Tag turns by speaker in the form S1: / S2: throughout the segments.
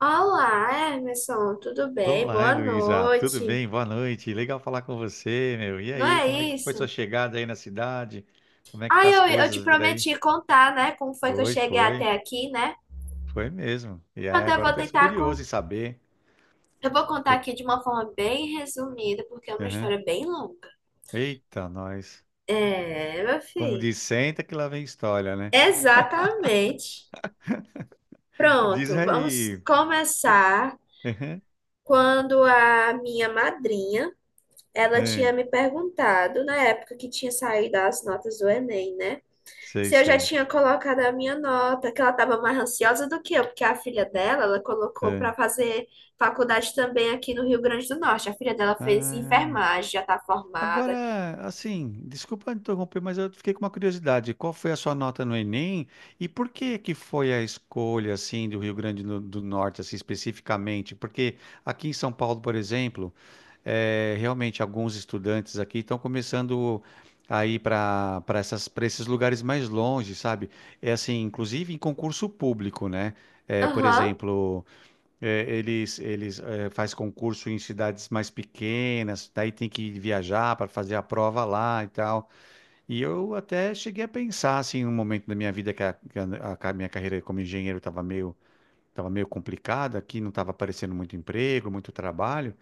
S1: Olá, Emerson, tudo bem?
S2: Olá,
S1: Boa
S2: Heloísa, tudo
S1: noite.
S2: bem? Boa noite. Legal falar com você, meu. E
S1: Não
S2: aí, como é
S1: é
S2: que foi sua
S1: isso?
S2: chegada aí na cidade? Como é que
S1: Ah,
S2: tá as
S1: eu te
S2: coisas por aí?
S1: prometi contar, né? Como foi que eu
S2: Foi,
S1: cheguei
S2: foi,
S1: até aqui, né?
S2: foi mesmo. E aí,
S1: Pronto, eu
S2: agora
S1: vou
S2: eu tô
S1: tentar.
S2: curioso em saber.
S1: Eu vou contar
S2: o que-
S1: aqui de uma forma bem resumida, porque é uma
S2: Aham.
S1: história bem longa.
S2: Eita, nós.
S1: É, meu
S2: Como
S1: filho.
S2: diz, senta que lá vem história, né?
S1: Exatamente.
S2: Diz
S1: Pronto, vamos
S2: aí. Fique-
S1: começar
S2: Aham.
S1: quando a minha madrinha, ela
S2: É,
S1: tinha me perguntado, na época que tinha saído as notas do Enem, né?
S2: sei,
S1: Se eu já
S2: sei.
S1: tinha colocado a minha nota, que ela estava mais ansiosa do que eu, porque a filha dela, ela colocou
S2: É.
S1: para fazer faculdade também aqui no Rio Grande do Norte. A filha dela fez
S2: Ah.
S1: enfermagem, já está formada.
S2: Agora, assim, desculpa interromper, mas eu fiquei com uma curiosidade. Qual foi a sua nota no Enem e por que que foi a escolha, assim, do Rio Grande do Norte, assim, especificamente? Porque aqui em São Paulo, por exemplo, realmente alguns estudantes aqui estão começando a ir para essas, para esses lugares mais longe, sabe? É assim, inclusive em concurso público, né? Por
S1: Aham,
S2: exemplo. É, eles faz concurso em cidades mais pequenas, daí tem que viajar para fazer a prova lá e tal. E eu até cheguei a pensar assim, em um momento da minha vida que a ca- minha carreira como engenheiro estava meio complicada, aqui não estava aparecendo muito emprego, muito trabalho.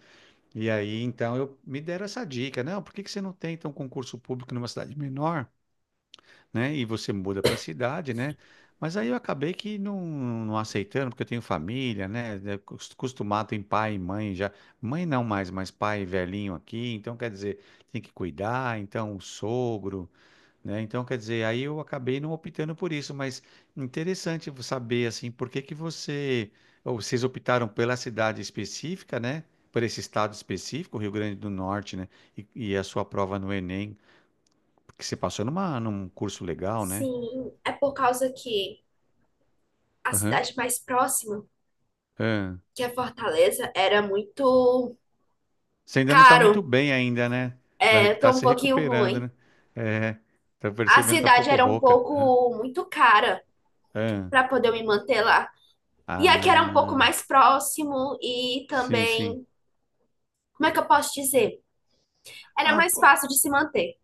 S2: E aí então eu me deram essa dica, não, por que que você não tenta um concurso público numa cidade menor, né? E você muda para a cidade, né? Mas aí eu acabei que não aceitando, porque eu tenho família, Acostumado em pai e mãe já. Mãe não mais, mas pai velhinho aqui. Então, quer dizer, tem que cuidar. Então, o sogro, né? Então, quer dizer, aí eu acabei não optando por isso. Mas interessante saber, assim, por que que você... Ou vocês optaram pela cidade específica, né? Por esse estado específico, Rio Grande do Norte, né? E a sua prova no Enem, porque você passou numa, num curso legal, né?
S1: sim. É por causa que a
S2: Aham.
S1: cidade mais próxima,
S2: Ah.
S1: que é Fortaleza, era muito
S2: Você ainda não tá
S1: caro.
S2: muito bem ainda, né? Tá
S1: É, tô
S2: tá
S1: um
S2: se
S1: pouquinho
S2: recuperando,
S1: ruim.
S2: né? É, tá
S1: A
S2: percebendo, tá um
S1: cidade
S2: pouco
S1: era um
S2: rouca. Aham.
S1: pouco muito cara
S2: Ah,
S1: para poder me manter lá. E aqui era um pouco
S2: Ah,
S1: mais próximo e
S2: sim, sim.
S1: também, como é que eu posso dizer? Era
S2: Ah,
S1: mais
S2: pô,
S1: fácil de se manter.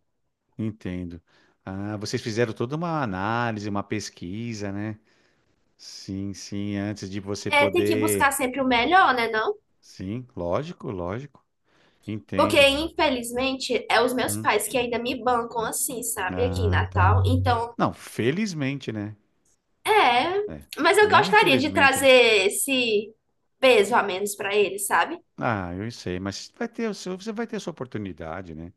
S2: entendo. Ah, vocês fizeram toda uma análise, uma pesquisa, né? Sim, sim, antes de você
S1: É, tem que buscar
S2: poder.
S1: sempre o melhor, né, não?
S2: Sim, lógico, lógico.
S1: Porque,
S2: Entendo.
S1: infelizmente, é os meus
S2: Hum.
S1: pais que ainda me bancam assim, sabe? Aqui em
S2: Ah, tá.
S1: Natal. Então,
S2: Não, felizmente, né?
S1: é.
S2: É.
S1: Mas eu
S2: Não
S1: gostaria de
S2: infelizmente,
S1: trazer
S2: né?
S1: esse peso a menos para eles, sabe?
S2: Ah, eu sei, mas vai ter o seu, você vai ter a sua oportunidade, né?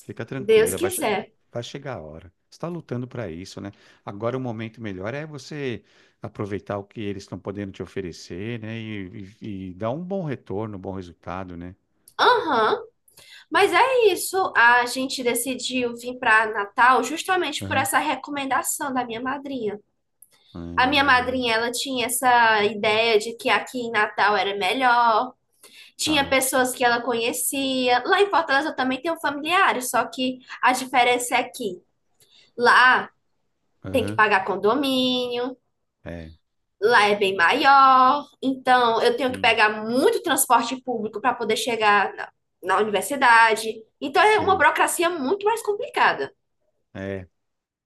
S2: Fica
S1: Deus
S2: tranquila,
S1: quiser.
S2: vai chegar a hora. Você está lutando para isso, né? Agora o momento melhor é você aproveitar o que eles estão podendo te oferecer, né? E dar um bom retorno, um bom resultado, né?
S1: Aham, mas é isso. A gente decidiu vir para Natal justamente por
S2: Aham.
S1: essa recomendação da minha madrinha. A minha
S2: Ah,
S1: madrinha, ela tinha essa ideia de que aqui em Natal era melhor, tinha
S2: tá.
S1: pessoas que ela conhecia. Lá em Fortaleza eu também tenho familiares, só que a diferença é que lá tem que
S2: Aham.
S1: pagar condomínio,
S2: É,
S1: lá é bem maior, então eu tenho que
S2: sim,
S1: pegar muito transporte público para poder chegar na universidade. Então é uma
S2: sei.
S1: burocracia muito mais complicada.
S2: É,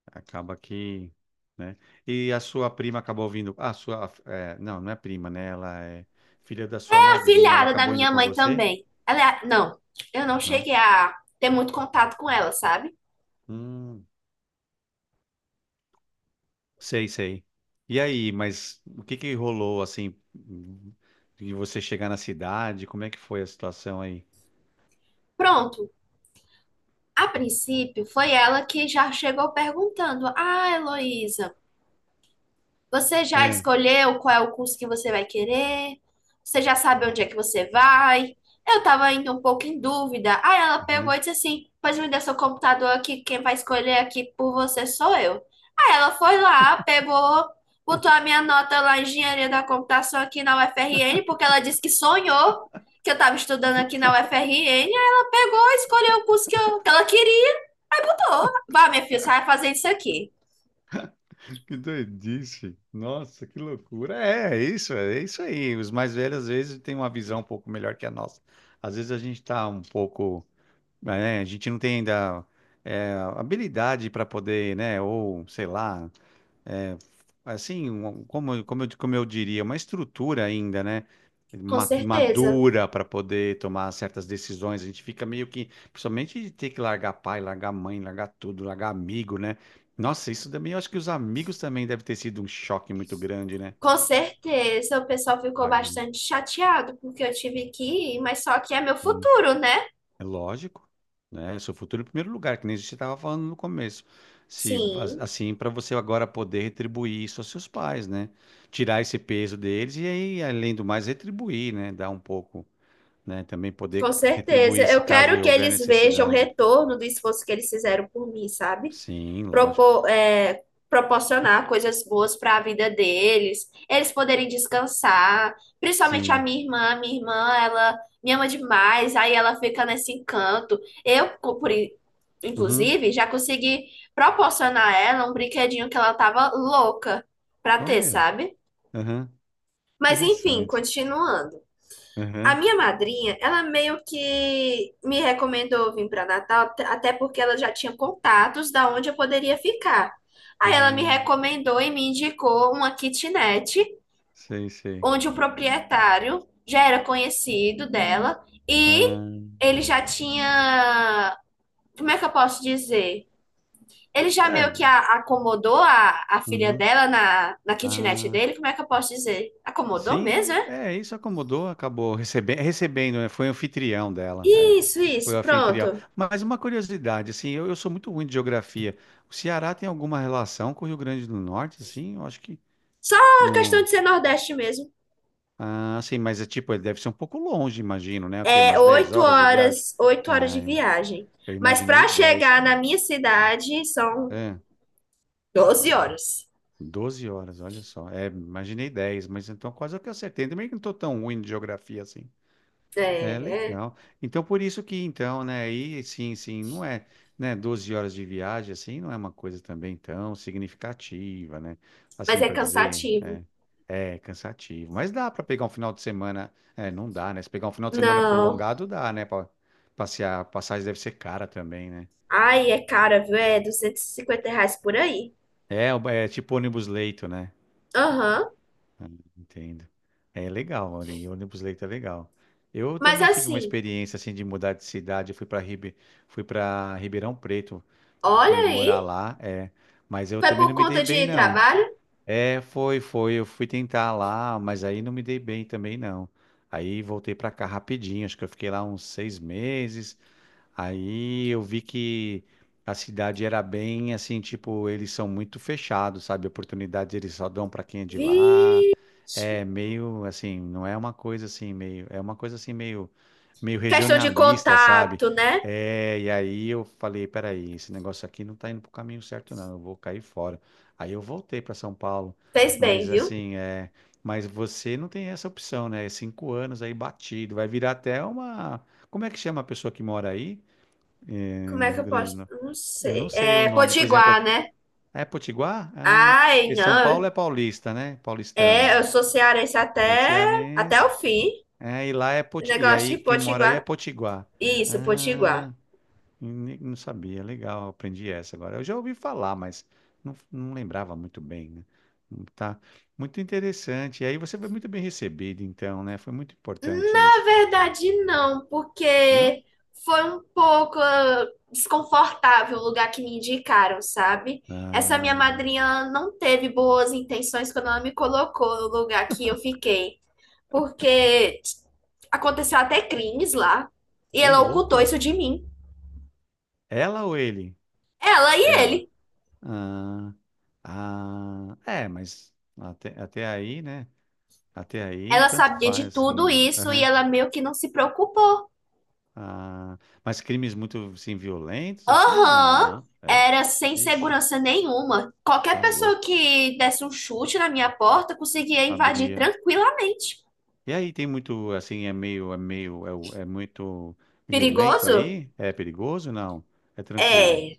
S2: acaba que, né? E a sua prima acabou vindo. A sua, é, não, não é prima, né? Ela é filha da sua
S1: A
S2: madrinha. Ela
S1: filhada da
S2: acabou indo
S1: minha
S2: com
S1: mãe
S2: você?
S1: também, não, eu não
S2: Não?
S1: cheguei a ter muito contato com ela, sabe?
S2: Hum, sei, sei. E aí, mas o que que rolou assim, de você chegar na cidade? Como é que foi a situação aí?
S1: Pronto, a princípio, foi ela que já chegou perguntando: Ah, Heloísa, você já
S2: Hã?
S1: escolheu qual é o curso que você vai querer? Você já sabe onde é que você vai? Eu tava ainda um pouco em dúvida. Aí ela pegou e
S2: Aham.
S1: disse assim: Pois me dê seu computador aqui, quem vai escolher aqui por você sou eu. Aí ela foi lá, pegou, botou a minha nota lá em Engenharia da Computação aqui na UFRN, porque ela disse que sonhou que eu tava estudando aqui na UFRN. Aí ela pegou, e escolheu o curso que ela queria. Aí botou. Vai, minha filha, você vai fazer isso aqui.
S2: Que doidice! Nossa, que loucura! É, é isso aí. Os mais velhos às vezes têm uma visão um pouco melhor que a nossa. Às vezes a gente tá um pouco, né, a gente não tem ainda é, habilidade para poder, né? Ou sei lá, assim, como, como eu diria, uma estrutura ainda, né?
S1: Com certeza.
S2: Madura para poder tomar certas decisões. A gente fica meio que, principalmente de ter que largar pai, largar mãe, largar tudo, largar amigo, né? Nossa, isso também, eu acho que os amigos também deve ter sido um choque muito grande, né?
S1: Com certeza. O pessoal ficou
S2: Largando.
S1: bastante chateado porque eu tive que ir, mas só que é meu futuro, né?
S2: É lógico, né? É seu futuro em primeiro lugar, que nem a gente estava falando no começo. Se as-
S1: Sim,
S2: Assim, para você agora poder retribuir isso aos seus pais, né? Tirar esse peso deles e aí, além do mais, retribuir, né? Dar um pouco, né? Também
S1: com
S2: poder
S1: certeza.
S2: retribuir se
S1: Eu
S2: caso
S1: quero que
S2: houver
S1: eles vejam o
S2: necessidade.
S1: retorno do esforço que eles fizeram por mim, sabe?
S2: Sim, lógico.
S1: propor, é, Proporcionar coisas boas para a vida deles, eles poderem descansar, principalmente
S2: Sim.
S1: a minha irmã, ela me ama demais, aí ela fica nesse encanto. Eu, por, in-
S2: Uhum.
S1: Inclusive, já consegui proporcionar a ela um brinquedinho que ela tava louca para ter,
S2: Olha.
S1: sabe?
S2: Uhum.
S1: Mas enfim,
S2: Interessante.
S1: continuando. A
S2: Uhum.
S1: minha madrinha, ela meio que me recomendou vir para Natal, até porque ela já tinha contatos da onde eu poderia ficar. Aí ela me
S2: Ah,
S1: recomendou e me indicou uma kitnet,
S2: sei, sei.
S1: onde o proprietário já era conhecido dela e
S2: Ah,
S1: ele já tinha, como é que eu posso dizer? Ele já
S2: é.
S1: meio que acomodou a filha
S2: Uhum.
S1: dela na kitnet
S2: Ah.
S1: dele, como é que eu posso dizer? Acomodou mesmo,
S2: Sim,
S1: é?
S2: é, isso acomodou, acabou recebendo, né? Foi anfitrião dela, é.
S1: Isso,
S2: Foi
S1: isso,
S2: o anfitrião.
S1: pronto.
S2: Mas uma curiosidade, assim, eu sou muito ruim de geografia. O Ceará tem alguma relação com o Rio Grande do Norte, assim? Eu acho que
S1: Só a questão
S2: não.
S1: de ser Nordeste mesmo.
S2: Ah, sim, mas é tipo, ele deve ser um pouco longe, imagino, né? O quê?
S1: É
S2: Umas 10
S1: oito
S2: horas de viagem?
S1: horas, 8 horas de
S2: Ah, eu
S1: viagem.
S2: eu
S1: Mas
S2: imaginei
S1: para
S2: dez.
S1: chegar
S2: Ah,
S1: na minha cidade são
S2: é,
S1: 12 horas.
S2: 12 horas, olha só. É, imaginei 10 mas então quase que eu acertei. Também que não estou tão ruim de geografia assim. É
S1: É, é.
S2: legal. Então, por isso que, então, né, aí, sim, sim, não é, né, 12 horas de viagem, assim, não é uma coisa também tão significativa, né?
S1: Mas
S2: Assim,
S1: é
S2: para dizer,
S1: cansativo.
S2: é, é cansativo. Mas dá para pegar um final de semana, é, não dá, né? Se pegar um final de semana
S1: Não.
S2: prolongado, dá, né? Para passear, passagem deve ser cara também, né?
S1: Ai, é cara, viu? É R$ 250 por aí.
S2: É, é tipo ônibus leito, né?
S1: Aham.
S2: Entendo. É legal, olha, e ônibus leito é legal. Eu
S1: Mas
S2: também tive uma
S1: assim,
S2: experiência, assim, de mudar de cidade, eu fui para Ribe... Fui para Ribeirão Preto.
S1: olha
S2: Fui morar
S1: aí.
S2: lá, é. Mas eu
S1: Foi
S2: também
S1: por
S2: não me dei
S1: conta
S2: bem,
S1: de
S2: não.
S1: trabalho?
S2: É, foi, foi. Eu fui tentar lá, mas aí não me dei bem também, não. Aí voltei pra cá rapidinho. Acho que eu fiquei lá uns seis meses. Aí eu vi que a cidade era bem assim, tipo, eles são muito fechados, sabe? Oportunidades eles só dão para quem é de lá.
S1: Vi.
S2: É meio assim, não é uma coisa assim meio, é uma coisa assim meio
S1: Questão de
S2: regionalista, sabe?
S1: contato, né?
S2: É, e aí eu falei, peraí, esse negócio aqui não tá indo pro caminho certo, não. Eu vou cair fora. Aí eu voltei para São Paulo,
S1: Fez bem,
S2: mas
S1: viu?
S2: assim, é, mas você não tem essa opção, né? Cinco anos aí batido, vai virar até uma, como é que chama a pessoa que mora aí?
S1: Como
S2: Em
S1: é que
S2: Rio
S1: eu
S2: Grande
S1: posso?
S2: do Norte.
S1: Não
S2: Eu não
S1: sei.
S2: sei o
S1: É
S2: nome. Por exemplo,
S1: Potiguar, né?
S2: é Potiguar? Ah,
S1: Ai,
S2: porque São Paulo
S1: não.
S2: é paulista, né?
S1: É, eu
S2: Paulistano.
S1: sou cearense
S2: É
S1: até, até
S2: cearense.
S1: o fim.
S2: É, e lá é Poti... E
S1: Negócio
S2: aí,
S1: de
S2: quem mora aí é
S1: Potiguar.
S2: Potiguar.
S1: Isso, Potiguar.
S2: Ah, não sabia. Legal, aprendi essa agora. Eu já ouvi falar, mas não, não lembrava muito bem, né? Tá. Muito interessante. E aí você foi muito bem recebido, então, né? Foi muito importante
S1: Na
S2: isso.
S1: verdade, não,
S2: Não?
S1: porque foi um pouco desconfortável o lugar que me indicaram, sabe? Essa minha
S2: Ah,
S1: madrinha não teve boas intenções quando ela me colocou no lugar que eu fiquei, porque aconteceu até crimes lá e
S2: ô
S1: ela ocultou
S2: louco.
S1: isso de mim.
S2: Ela ou ele?
S1: Ela e
S2: Ela.
S1: ele.
S2: Ah. Ah, é, mas até aí, né? Até aí,
S1: Ela
S2: tanto
S1: sabia
S2: faz,
S1: de tudo
S2: assim.
S1: isso e
S2: Aham.
S1: ela meio que não se preocupou.
S2: Ah, mas crimes muito, assim, violentos, assim, ou não,
S1: Aham,
S2: não? É?
S1: era sem
S2: Ixi,
S1: segurança nenhuma. Qualquer
S2: tá
S1: pessoa
S2: louco.
S1: que desse um chute na minha porta conseguia invadir
S2: Abria.
S1: tranquilamente.
S2: E aí, tem muito, assim, é meio, é muito violento
S1: Perigoso?
S2: aí? É perigoso? Não. É tranquilo.
S1: É,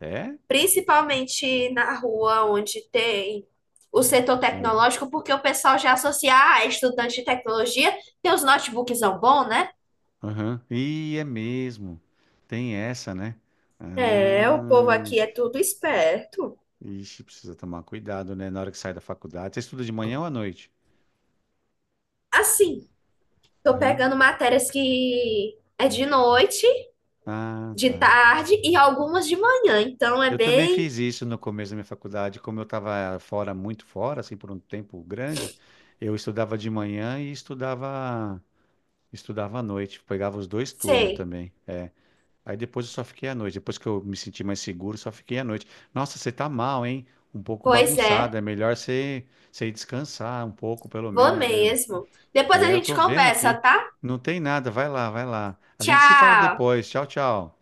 S2: É?
S1: principalmente na rua onde tem o setor
S2: Ah,
S1: tecnológico, porque o pessoal já associa a estudante de tecnologia, tem os notebooks bom, né?
S2: aham. E é mesmo. Tem essa, né?
S1: É, o povo
S2: Ah.
S1: aqui é tudo esperto.
S2: Ixi, precisa tomar cuidado, né? Na hora que sai da faculdade. Você estuda de manhã ou à noite?
S1: Assim, tô
S2: Aham.
S1: pegando matérias que é de noite
S2: Ah,
S1: de
S2: tá.
S1: tarde e algumas de manhã, então é
S2: Eu também
S1: bem
S2: fiz isso no começo da minha faculdade. Como eu estava fora, muito fora, assim, por um tempo grande, eu estudava de manhã e estudava à noite. Pegava os dois turnos
S1: Sei.
S2: também. É. Aí depois eu só fiquei à noite. Depois que eu me senti mais seguro, só fiquei à noite. Nossa, você tá mal, hein? Um pouco
S1: Pois é,
S2: bagunçado. É melhor você, você ir descansar um pouco, pelo
S1: vou
S2: menos, né?
S1: mesmo. Depois a
S2: É, eu
S1: gente
S2: tô vendo
S1: conversa,
S2: aqui.
S1: tá?
S2: Não tem nada. Vai lá, vai lá. A gente se fala
S1: Tchau!
S2: depois. Tchau, tchau.